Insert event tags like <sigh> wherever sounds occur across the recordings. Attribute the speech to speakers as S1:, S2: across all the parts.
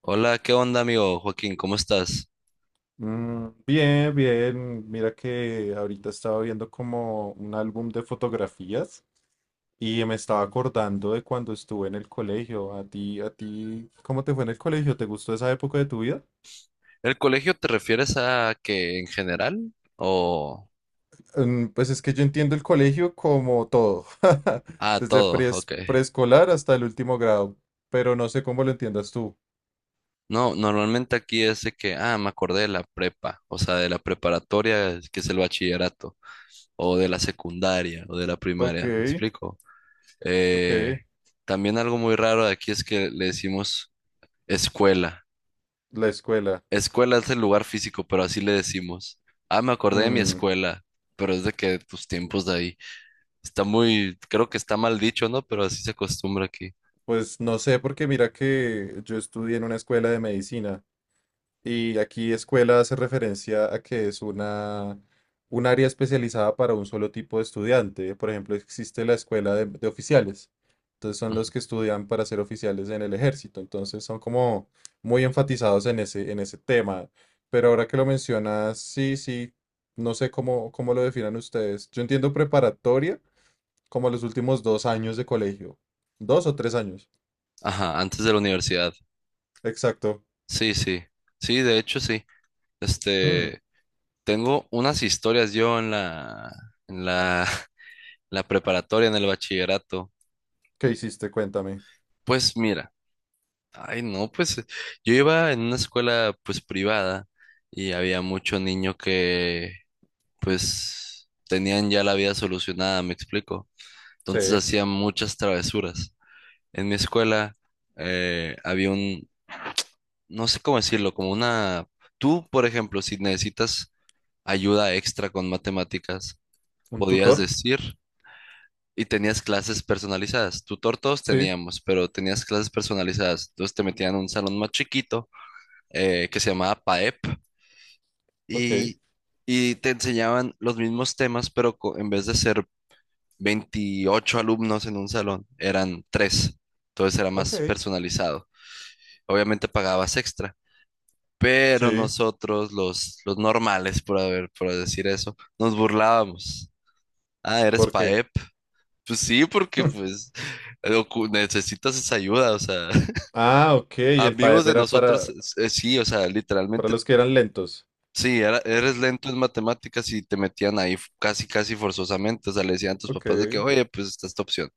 S1: Hola, ¿qué onda, amigo Joaquín? ¿Cómo estás?
S2: Bien, bien. Mira que ahorita estaba viendo como un álbum de fotografías y me estaba acordando de cuando estuve en el colegio. A ti, ¿cómo te fue en el colegio? ¿Te gustó esa época de tu vida?
S1: ¿El colegio te refieres a que en general o
S2: Pues es que yo entiendo el colegio como todo, <laughs>
S1: a
S2: desde
S1: todo? Ok.
S2: preescolar hasta el último grado, pero no sé cómo lo entiendas tú.
S1: No, normalmente aquí es de que, me acordé de la prepa, o sea, de la preparatoria, que es el bachillerato, o de la secundaria, o de la
S2: Ok,
S1: primaria, ¿me explico?
S2: ok.
S1: Eh, También algo muy raro de aquí es que le decimos escuela.
S2: La escuela.
S1: Escuela es el lugar físico, pero así le decimos. Ah, me acordé de mi
S2: Mm,
S1: escuela, pero es de que tus tiempos de ahí. Está muy, creo que está mal dicho, ¿no? Pero así se acostumbra aquí.
S2: pues no sé, porque mira que yo estudié en una escuela de medicina. Y aquí escuela hace referencia a que es una, un área especializada para un solo tipo de estudiante. Por ejemplo, existe la escuela de oficiales. Entonces son
S1: Ujú.
S2: los que estudian para ser oficiales en el ejército. Entonces son como muy enfatizados en ese tema. Pero ahora que lo mencionas, sí, sí, no sé cómo lo definan ustedes. Yo entiendo preparatoria como los últimos dos años de colegio. Dos o tres años.
S1: Ajá, antes de la universidad.
S2: Exacto.
S1: Sí, sí. Sí, de hecho, sí.
S2: Mm,
S1: Este, Tengo unas historias yo en la, <laughs> la preparatoria, en el bachillerato.
S2: ¿Qué hiciste? Cuéntame.
S1: Pues mira, ay, no, pues yo iba en una escuela, pues privada y había mucho niño que, pues, tenían ya la vida solucionada, me explico.
S2: Sí.
S1: Entonces hacían muchas travesuras. En mi escuela había un, no sé cómo decirlo, como una... Tú, por ejemplo, si necesitas ayuda extra con matemáticas,
S2: ¿Un
S1: podías
S2: tutor?
S1: decir y tenías clases personalizadas. Tutor todos
S2: Sí.
S1: teníamos, pero tenías clases personalizadas. Entonces te metían a un salón más chiquito que se llamaba PAEP
S2: Ok,
S1: y, y te enseñaban los mismos temas, pero en vez de ser 28 alumnos en un salón, eran tres. Entonces era más
S2: ok,
S1: personalizado. Obviamente pagabas extra pero
S2: sí,
S1: nosotros, los normales, por decir eso, nos burlábamos. Ah, eres
S2: ¿por qué?
S1: PAEP. Pues sí, porque
S2: <laughs>
S1: pues necesitas esa ayuda, o sea, <laughs>
S2: Ah, ok, el
S1: amigos
S2: PAEP
S1: de
S2: era
S1: nosotros,
S2: para,
S1: sí, o sea,
S2: para
S1: literalmente,
S2: los que eran lentos.
S1: sí, eres lento en matemáticas y te metían ahí casi, casi forzosamente, o sea, le decían a tus
S2: Ok.
S1: papás de que, oye, pues está esta opción.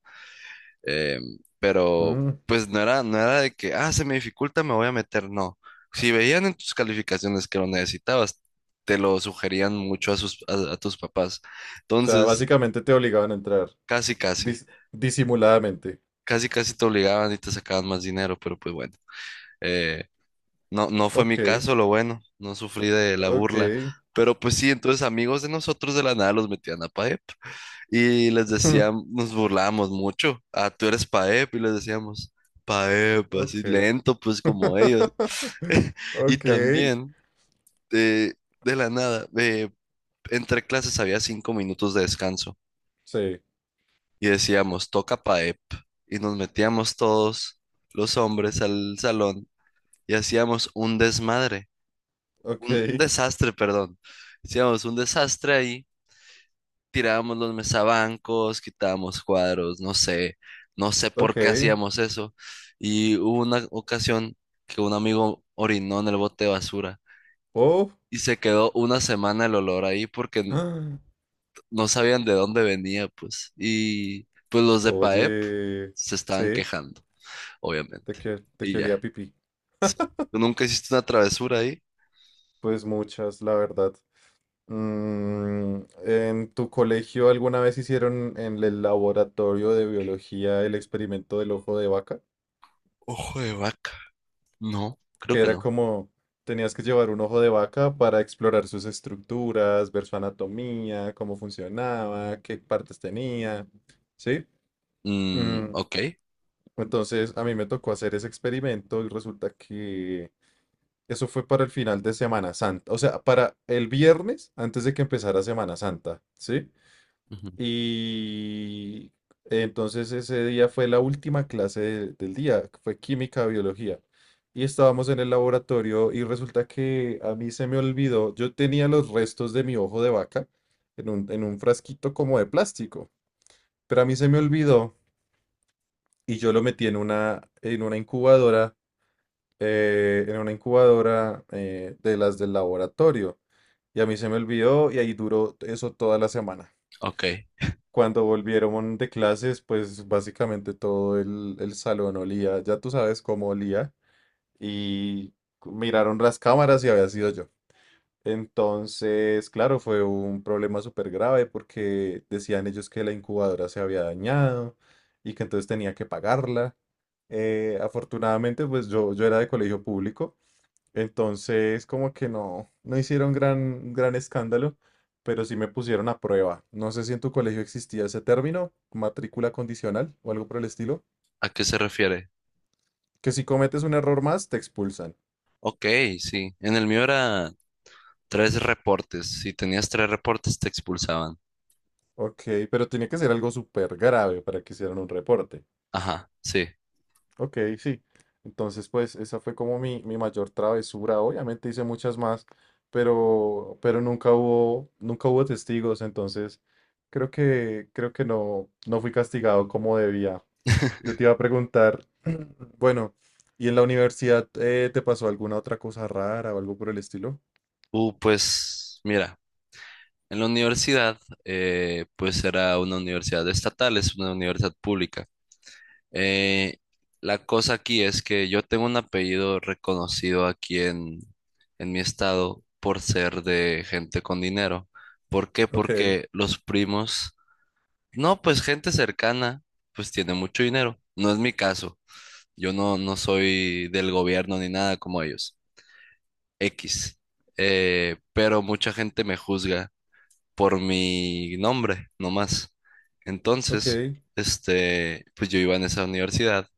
S1: Eh, pero
S2: O
S1: pues no era de que, se me dificulta, me voy a meter, no. Si veían en tus calificaciones que lo necesitabas, te lo sugerían mucho a tus papás.
S2: sea,
S1: Entonces,
S2: básicamente te obligaban a entrar
S1: casi, casi,
S2: dis- disimuladamente.
S1: casi, casi te obligaban y te sacaban más dinero, pero pues bueno, eh, no fue mi
S2: Ok,
S1: caso, lo bueno, no sufrí de la
S2: ok,
S1: burla. Pero pues sí, entonces amigos de nosotros de la nada los metían a PAEP. Y les decíamos,
S2: <laughs>
S1: nos burlábamos mucho. Ah, tú eres Paep, y les decíamos, Paep, así
S2: ok.
S1: lento, pues como ellos.
S2: <laughs>
S1: <laughs> Y
S2: Ok,
S1: también, de, de la nada, entre clases había 5 minutos de descanso.
S2: sí,
S1: Y decíamos, toca Paep. Y nos metíamos todos los hombres al salón y hacíamos un desmadre, un
S2: ok,
S1: desastre, perdón. Hacíamos un desastre ahí, tirábamos los mesabancos, quitábamos cuadros, no sé
S2: ok.
S1: por qué hacíamos eso. Y hubo una ocasión que un amigo orinó en el bote de basura
S2: Oh,
S1: y se quedó una semana el olor ahí porque
S2: <gasps> ah,
S1: no sabían de dónde venía, pues. Y pues los de PAEP
S2: oye,
S1: se estaban
S2: sí,
S1: quejando, obviamente.
S2: de
S1: Y
S2: qué olía
S1: ya.
S2: pipí?
S1: Sí. ¿Tú nunca hiciste una travesura ahí?
S2: Pues muchas, la verdad. ¿En tu colegio alguna vez hicieron en el laboratorio de biología el experimento del ojo de vaca?
S1: Ojo de vaca. No, creo
S2: Que
S1: que
S2: era
S1: no.
S2: como tenías que llevar un ojo de vaca para explorar sus estructuras, ver su anatomía, cómo funcionaba, qué partes tenía, ¿sí?
S1: Mm,
S2: Mm,
S1: ok.
S2: entonces a mí me tocó hacer ese experimento y resulta que eso fue para el final de Semana Santa, o sea, para el viernes antes de que empezara Semana Santa, ¿sí?
S1: Ujú,
S2: Y entonces ese día fue la última clase del día, que fue química, biología. Y estábamos en el laboratorio y resulta que a mí se me olvidó, yo tenía los restos de mi ojo de vaca en un frasquito como de plástico, pero a mí se me olvidó y yo lo metí en una incubadora, en una incubadora de las del laboratorio. Y a mí se me olvidó y ahí duró eso toda la semana.
S1: ok.
S2: Cuando volvieron de clases, pues básicamente todo el salón olía, ya tú sabes cómo olía, y miraron las cámaras y había sido yo. Entonces, claro, fue un problema súper grave porque decían ellos que la incubadora se había dañado y que entonces tenía que pagarla. Afortunadamente, pues yo era de colegio público. Entonces, como que no, no hicieron gran escándalo, pero sí me pusieron a prueba. No sé si en tu colegio existía ese término, matrícula condicional o algo por el estilo,
S1: ¿A qué se refiere?
S2: que si cometes un error más, te expulsan.
S1: Ok, sí. En el mío era tres reportes. Si tenías tres reportes, te expulsaban.
S2: Ok, pero tiene que ser algo súper grave para que hicieran un reporte.
S1: Ajá, sí.
S2: Ok, sí. Entonces, pues esa fue como mi mayor travesura. Obviamente hice muchas más, pero nunca hubo, nunca hubo testigos, entonces creo que no, no fui castigado como debía. Yo te iba a preguntar, <clears throat> bueno, ¿y en la universidad te pasó alguna otra cosa rara o algo por el estilo?
S1: Pues mira, en la universidad, pues era una universidad estatal, es una universidad pública. Eh, la cosa aquí es que yo tengo un apellido reconocido aquí en mi estado por ser de gente con dinero. ¿Por qué?
S2: Ok,
S1: Porque los primos, no, pues gente cercana, pues tiene mucho dinero. No es mi caso. Yo no soy del gobierno ni nada como ellos. X. Pero mucha gente me juzga por mi nombre, nomás. Entonces,
S2: ok,
S1: pues yo iba en esa universidad,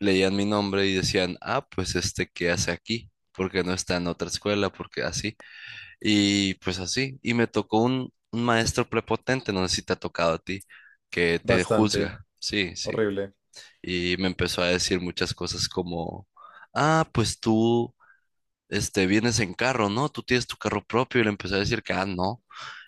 S1: leían mi nombre y decían, ah, pues ¿qué hace aquí? Porque no está en otra escuela, porque así. Y pues así. Y me tocó un maestro prepotente, no sé si te ha tocado a ti, que te
S2: bastante,
S1: juzga. Sí, sí,
S2: horrible.
S1: y me empezó a decir muchas cosas como, ah, pues tú, vienes en carro, ¿no? Tú tienes tu carro propio y le empezó a decir que, ah, no,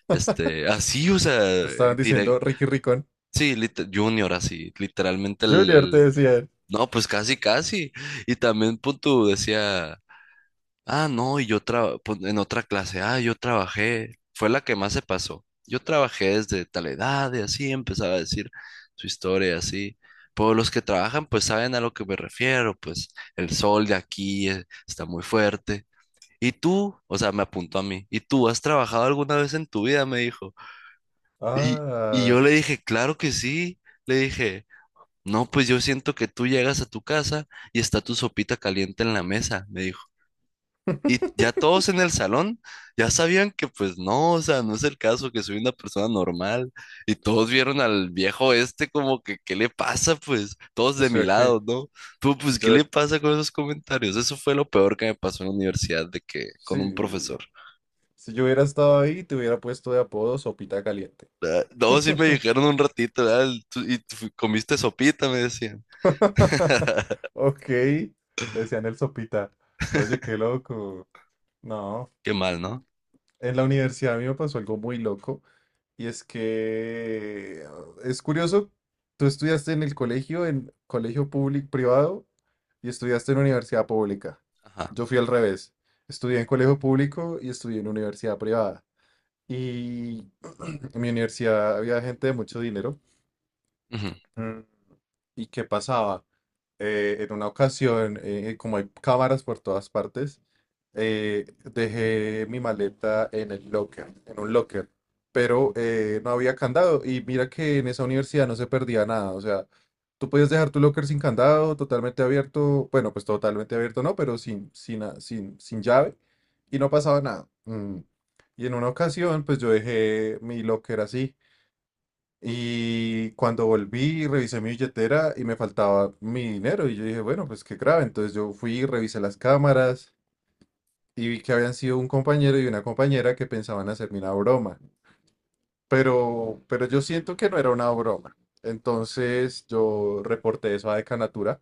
S1: así, o sea,
S2: Te estaban diciendo
S1: direct,
S2: Ricky Ricón.
S1: sí, Junior, así, literalmente
S2: Junior te decían.
S1: no, pues casi, casi, y también punto decía... Ah, no, y yo pues, en otra clase, yo trabajé, fue la que más se pasó. Yo trabajé desde tal edad y así empezaba a decir su historia, así. Pues los que trabajan, pues saben a lo que me refiero, pues el sol de aquí está muy fuerte. Y tú, o sea, me apuntó a mí, ¿y tú has trabajado alguna vez en tu vida? Me dijo. Y, y
S2: Ah,
S1: yo le dije, claro que sí. Le dije, no, pues yo siento que tú llegas a tu casa y está tu sopita caliente en la mesa, me dijo. Y ya todos en
S2: <laughs>
S1: el salón ya sabían que pues no, o sea, no es el caso, que soy una persona normal. Y todos vieron al viejo este como que, ¿qué le pasa? Pues todos
S2: o
S1: de mi
S2: sea que
S1: lado, ¿no? Tú, pues, ¿qué
S2: yo,
S1: le pasa con esos comentarios? Eso fue lo peor que me pasó en la universidad de que con un
S2: sí,
S1: profesor.
S2: si yo hubiera estado ahí, te hubiera puesto de apodo Sopita Caliente.
S1: Ah, no, sí me dijeron un ratito, "Ah, y tú comiste sopita", me decían.
S2: <laughs> Ok, le decían el Sopita. Oye, qué loco. No,
S1: Qué mal, ¿no?
S2: en la universidad a mí me pasó algo muy loco y es que es curioso, tú estudiaste en el colegio, en colegio público privado y estudiaste en universidad pública.
S1: Ajá.
S2: Yo fui al revés. Estudié en colegio público y estudié en universidad privada. Y <clears throat> en mi universidad había gente de mucho dinero. Mm. ¿Y qué pasaba? En una ocasión, como hay cámaras por todas partes, dejé mi maleta en el locker, en un locker, pero no había candado. Y mira que en esa universidad no se perdía nada. O sea, tú podías dejar tu locker sin candado, totalmente abierto. Bueno, pues totalmente abierto no, pero sin, sin, a- sin, sin llave. Y no pasaba nada. Mm. Y en una ocasión, pues yo dejé mi locker así. Y cuando volví, revisé mi billetera y me faltaba mi dinero. Y yo dije, bueno, pues qué grave. Entonces yo fui, revisé las cámaras y vi que habían sido un compañero y una compañera que pensaban hacerme una broma. Pero yo siento que no era una broma. Entonces yo reporté eso a Decanatura.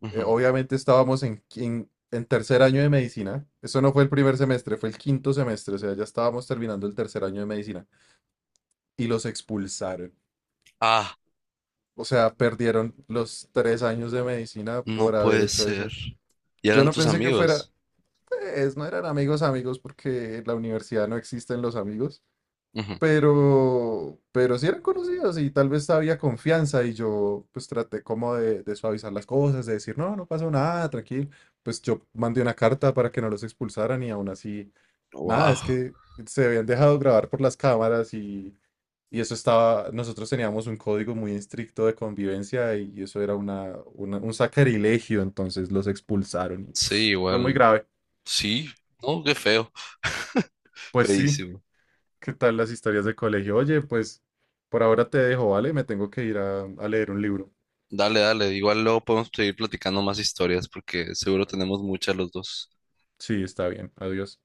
S1: Ujú, ujú.
S2: Obviamente estábamos en, en 3.er año de medicina. Eso no fue el primer semestre, fue el 5.º semestre. O sea, ya estábamos terminando el 3.er año de medicina. Y los expulsaron.
S1: Ah,
S2: O sea, perdieron los 3 años de medicina
S1: no
S2: por haber
S1: puede
S2: hecho
S1: ser.
S2: eso.
S1: Y
S2: Yo
S1: eran
S2: no
S1: tus
S2: pensé que fuera,
S1: amigos.
S2: pues no eran amigos amigos porque en la universidad no existen los amigos, pero sí eran conocidos y tal vez había confianza y yo pues traté como de suavizar las cosas, de decir, no, no pasa nada, tranquilo. Pues yo mandé una carta para que no los expulsaran y aún así, nada, es
S1: Wow.
S2: que se habían dejado grabar por las cámaras y eso estaba, nosotros teníamos un código muy estricto de convivencia y eso era un sacrilegio, entonces los expulsaron. Y
S1: Sí,
S2: fue muy
S1: igual.
S2: grave.
S1: Sí, no, qué feo. <laughs>
S2: Pues sí,
S1: Feísimo.
S2: <laughs> ¿qué tal las historias de colegio? Oye, pues por ahora te dejo, ¿vale? Me tengo que ir a leer un libro.
S1: Dale, dale. Igual luego podemos seguir platicando más historias porque seguro tenemos muchas los dos.
S2: Sí, está bien, adiós.